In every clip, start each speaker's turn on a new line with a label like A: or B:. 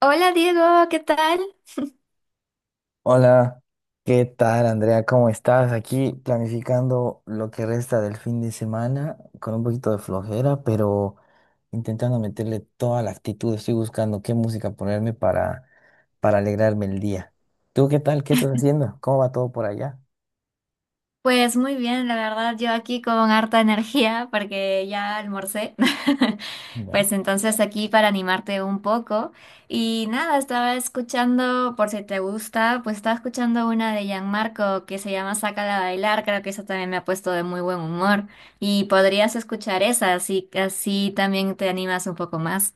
A: Hola Diego, ¿qué tal?
B: Hola, ¿qué tal Andrea? ¿Cómo estás? Aquí planificando lo que resta del fin de semana con un poquito de flojera, pero intentando meterle toda la actitud. Estoy buscando qué música ponerme para alegrarme el día. ¿Tú qué tal? ¿Qué estás haciendo? ¿Cómo va todo por allá?
A: Pues muy bien, la verdad, yo aquí con harta energía porque ya almorcé.
B: Ya.
A: Pues entonces aquí para animarte un poco. Y nada, estaba escuchando, por si te gusta, estaba escuchando una de Gianmarco que se llama Sácala a bailar, creo que eso también me ha puesto de muy buen humor. Y podrías escuchar esa, así, así también te animas un poco más.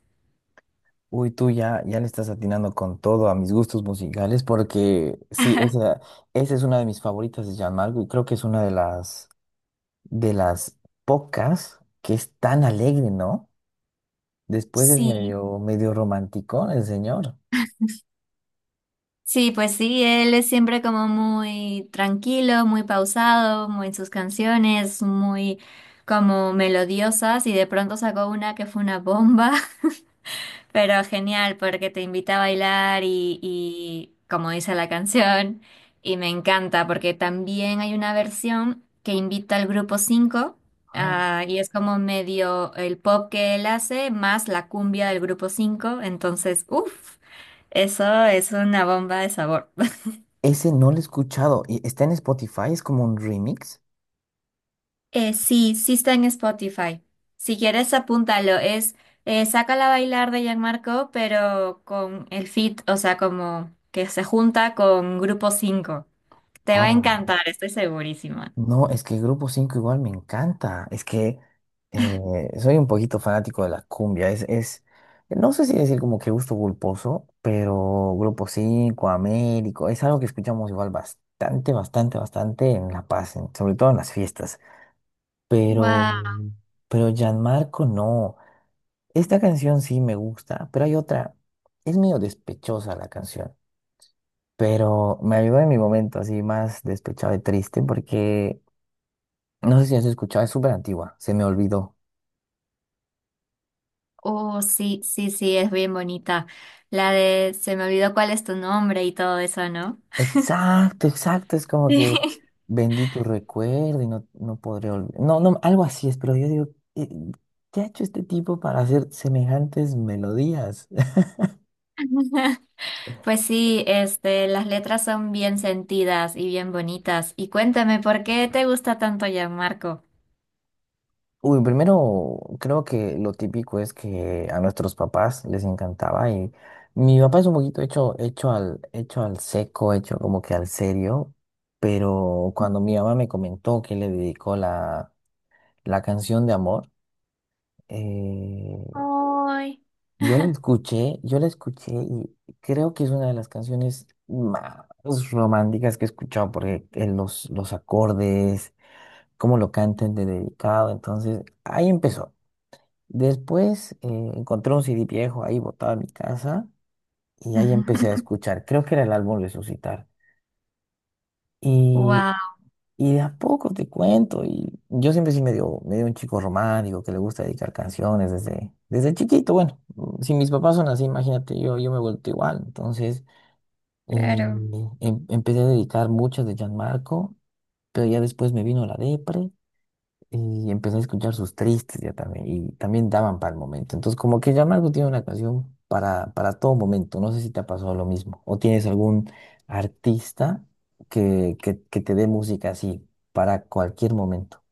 B: Uy, tú ya, ya le estás atinando con todo a mis gustos musicales porque sí, esa es una de mis favoritas de Gianmarco y creo que es una de las pocas que es tan alegre, ¿no? Después es
A: Sí.
B: medio romántico el señor.
A: Sí, pues sí, él es siempre como muy tranquilo, muy pausado, muy en sus canciones, muy como melodiosas, y de pronto sacó una que fue una bomba, pero genial porque te invita a bailar y como dice la canción. Y me encanta porque también hay una versión que invita al Grupo 5,
B: Ah.
A: ah, y es como medio el pop que él hace más la cumbia del Grupo 5. Entonces, uff, eso es una bomba de sabor.
B: Ese no lo he escuchado. Y está en Spotify, es como un remix.
A: Sí, sí está en Spotify. Si quieres, apúntalo. Es Sácala a bailar de Gianmarco, pero con el feat, o sea, como que se junta con Grupo 5. Te va a
B: Ahora,
A: encantar, estoy segurísima.
B: no, es que Grupo 5 igual me encanta. Es que soy un poquito fanático de la cumbia. No sé si decir como que gusto culposo, pero Grupo 5 Américo, es algo que escuchamos igual bastante, bastante, bastante en La Paz, en sobre todo en las fiestas.
A: Wow,
B: Pero, pero Gianmarco no. Esta canción sí me gusta, pero hay otra. Es medio despechosa la canción, pero me ayudó en mi momento así más despechado y triste porque no sé si has escuchado, es súper antigua, se me olvidó.
A: oh, sí, sí, sí, es bien bonita. La de se me olvidó cuál es tu nombre y todo eso, ¿no?
B: Exacto, exacto, es como que vendí tu recuerdo y no, no podré olvidar. No, no, algo así es, pero yo digo, eh, ¿qué ha hecho este tipo para hacer semejantes melodías?
A: Pues sí, este, las letras son bien sentidas y bien bonitas. Y cuéntame, ¿por qué te gusta tanto Gianmarco?
B: Uy, primero creo que lo típico es que a nuestros papás les encantaba y mi papá es un poquito hecho al seco, hecho como que al serio, pero cuando mi mamá me comentó que le dedicó la canción de amor, eh,
A: Ay.
B: yo la escuché y creo que es una de las canciones más románticas que he escuchado porque los acordes, cómo lo cantan de dedicado, entonces ahí empezó. Después encontré un CD viejo ahí botado en mi casa y ahí empecé a escuchar. Creo que era el álbum Resucitar. Y,
A: Wow,
B: y de a poco te cuento. Y yo siempre sí medio un chico romántico que le gusta dedicar canciones desde chiquito. Bueno, si mis papás son así, imagínate, yo me he vuelto igual. Entonces
A: claro.
B: empecé a dedicar muchas de Marco, pero ya después me vino la depre. Y empecé a escuchar sus tristes ya también, y también daban para el momento. Entonces, como que ya Marco tiene una canción para todo momento. No sé si te ha pasado lo mismo. O tienes algún artista que te dé música así para cualquier momento.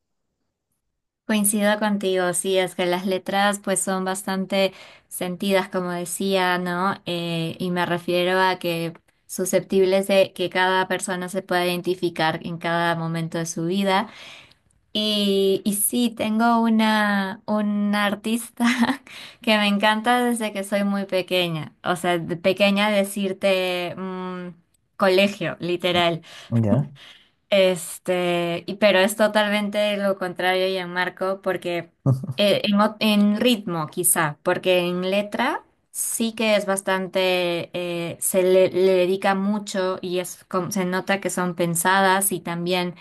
A: Coincido contigo, sí, es que las letras pues son bastante sentidas, como decía, ¿no? Y me refiero a que susceptibles de que cada persona se pueda identificar en cada momento de su vida. Y sí, tengo una artista que me encanta desde que soy muy pequeña, o sea, de pequeña decirte mm, colegio, literal.
B: Ya,
A: Este, pero es totalmente lo contrario, Gianmarco, porque en ritmo quizá, porque en letra sí que es bastante, se le, le dedica mucho y es, se nota que son pensadas y también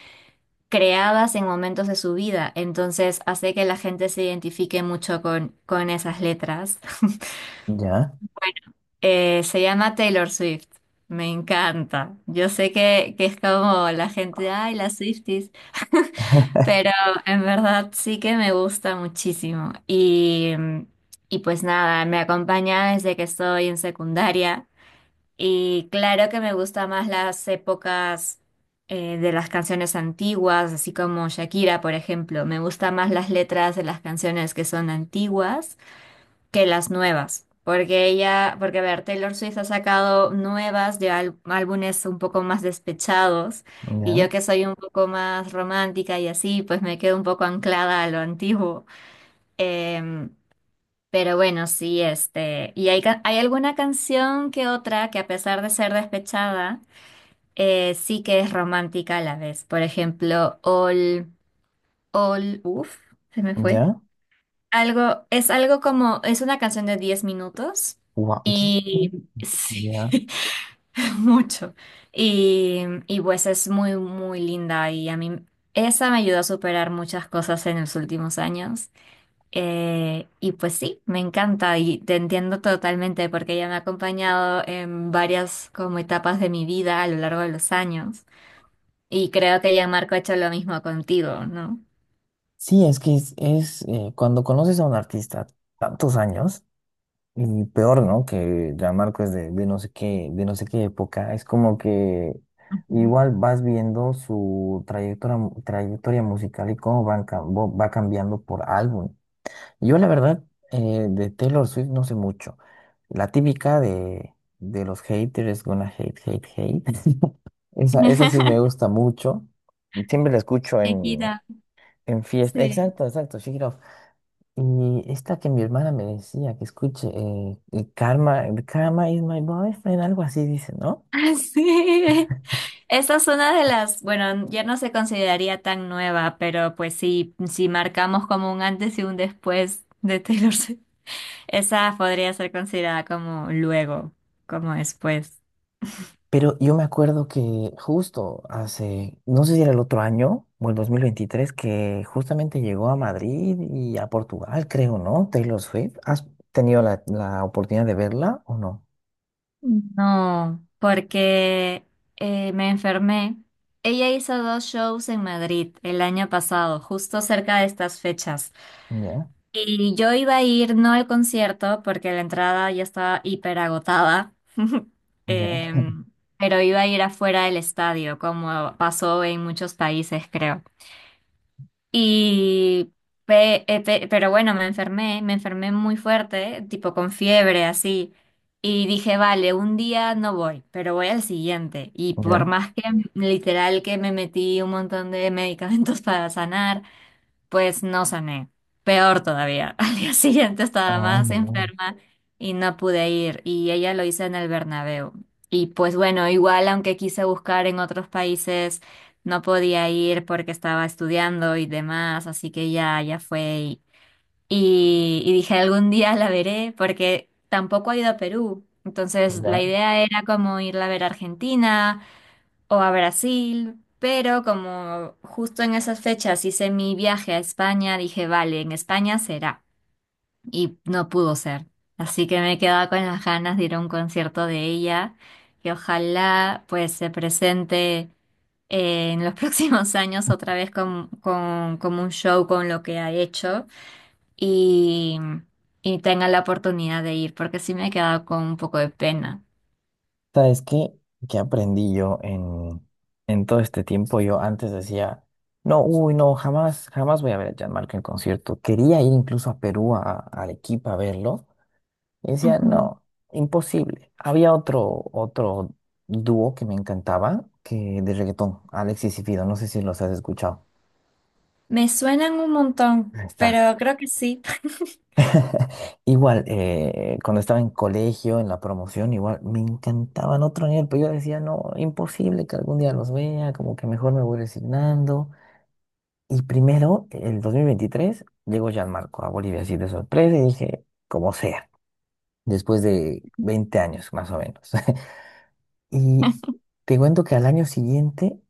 A: creadas en momentos de su vida, entonces hace que la gente se identifique mucho con esas letras.
B: ya,
A: Bueno, se llama Taylor Swift. Me encanta. Yo sé que es como la gente, ay, las Swifties. Pero en verdad sí que me gusta muchísimo. Y pues nada, me acompaña desde que estoy en secundaria. Y claro que me gusta más las épocas de las canciones antiguas, así como Shakira, por ejemplo. Me gusta más las letras de las canciones que son antiguas que las nuevas, porque porque a ver, Taylor Swift ha sacado nuevas de álbumes un poco más despechados, y
B: ya,
A: yo que soy un poco más romántica y así, pues me quedo un poco anclada a lo antiguo. Em, pero bueno, sí, este, y hay alguna canción que otra que, a pesar de ser despechada, sí que es romántica a la vez. Por ejemplo, All, uff, se me fue.
B: ya.
A: Es algo como, es una canción de 10 minutos
B: Guau,
A: y sí,
B: ya.
A: mucho. Y pues es muy, muy linda, y a mí esa me ayudó a superar muchas cosas en los últimos años. Y pues sí, me encanta, y te entiendo totalmente porque ella me ha acompañado en varias como etapas de mi vida a lo largo de los años. Y creo que ya Marco ha hecho lo mismo contigo, ¿no?
B: Sí, es que cuando conoces a un artista tantos años. Y peor, ¿no? Que ya Marco es de no sé qué, de no sé qué época. Es como que
A: Ujú.
B: igual vas viendo su trayectoria, mu- trayectoria musical y cómo va cambiando por álbum. Yo la verdad, de Taylor Swift no sé mucho. La típica de los haters, gonna hate, hate, hate. Esa sí me gusta mucho. Siempre la escucho
A: Te
B: en fiesta.
A: sí.
B: Exacto, exacto, Shake It Off. Y esta que mi hermana me decía que escuche, el karma is my boyfriend, algo así dice, ¿no?
A: Ah, sí, esa es una de las, bueno, ya no se consideraría tan nueva, pero pues sí, si marcamos como un antes y un después de Taylor Swift, esa podría ser considerada como luego, como después.
B: Pero yo me acuerdo que justo hace, no sé si era el otro año o el 2023, que justamente llegó a Madrid y a Portugal, creo, ¿no? Taylor Swift. ¿Has tenido la oportunidad de verla o no?
A: No, porque me enfermé. Ella hizo dos shows en Madrid el año pasado, justo cerca de estas fechas.
B: Ya,
A: Y yo iba a ir no al concierto porque la entrada ya estaba hiper agotada.
B: ya,
A: Em, pero iba a ir afuera del estadio, como pasó en muchos países, creo. Y, pero bueno, me enfermé muy fuerte, tipo con fiebre, así. Y dije, vale, un día no voy, pero voy al siguiente. Y por
B: ya.
A: más que literal que me metí un montón de medicamentos para sanar, pues no sané. Peor todavía. Al día siguiente estaba
B: Ay,
A: más
B: no.
A: enferma y no pude ir. Y ella lo hizo en el Bernabéu. Y pues bueno, igual aunque quise buscar en otros países, no podía ir porque estaba estudiando y demás. Así que ya, ya fue. Y dije, algún día la veré porque tampoco ha ido a Perú. Entonces la
B: Ya.
A: idea era como irla a ver a Argentina o a Brasil, pero como justo en esas fechas hice mi viaje a España, dije, vale, en España será. Y no pudo ser. Así que me he quedado con las ganas de ir a un concierto de ella, que ojalá pues se presente en los próximos años otra vez como un show con lo que ha hecho, y tenga la oportunidad de ir, porque sí me he quedado con un poco de pena.
B: ¿Sabes qué? ¿Qué aprendí yo en todo este tiempo? Yo antes decía, no, uy, no, jamás, jamás voy a ver a Gianmarco en concierto. Quería ir incluso a Perú, a Arequipa a verlo. Y decía,
A: Ujú.
B: no, imposible. Había otro dúo que me encantaba, que de reggaetón, Alexis y Fido. No sé si los has escuchado.
A: Me suenan un montón,
B: Ahí está.
A: pero creo que sí.
B: Igual, cuando estaba en colegio, en la promoción, igual me encantaban otro nivel, pero yo decía, no, imposible que algún día los vea, como que mejor me voy resignando. Y primero, el 2023, llegó Gianmarco a Bolivia así de sorpresa y dije, como sea, después de 20 años más o menos. Y te cuento que al año siguiente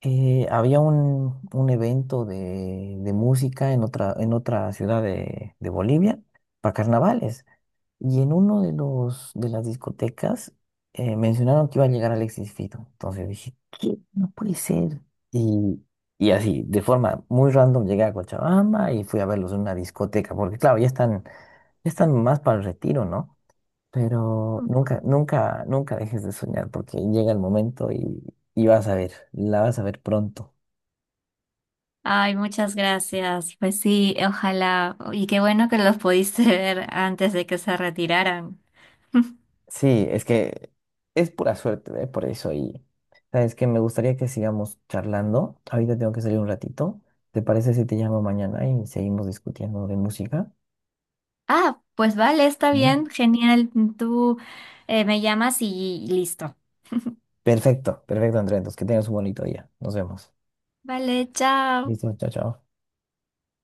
B: había un, evento de música en otra ciudad de Bolivia para carnavales. Y en uno de las discotecas mencionaron que iba a llegar Alexis Fito. Entonces dije, ¿qué? No puede ser. Y, y así, de forma muy random, llegué a Cochabamba y fui a verlos en una discoteca, porque claro, ya están más para el retiro, ¿no? Pero nunca, nunca, nunca dejes de soñar, porque llega el momento y vas a ver, la vas a ver pronto.
A: Ay, muchas gracias. Pues sí, ojalá. Y qué bueno que los pudiste ver antes de que se retiraran.
B: Sí, es que es pura suerte, ¿eh? Por eso. Y sabes que me gustaría que sigamos charlando. Ahorita tengo que salir un ratito. ¿Te parece si te llamo mañana y seguimos discutiendo de música?
A: Ah, pues vale, está
B: ¿Ya?
A: bien, genial. Tú me llamas y listo.
B: Perfecto, perfecto, Andrés. Entonces, que tengas un bonito día. Nos vemos.
A: Vale, chao.
B: Listo, chao, chao.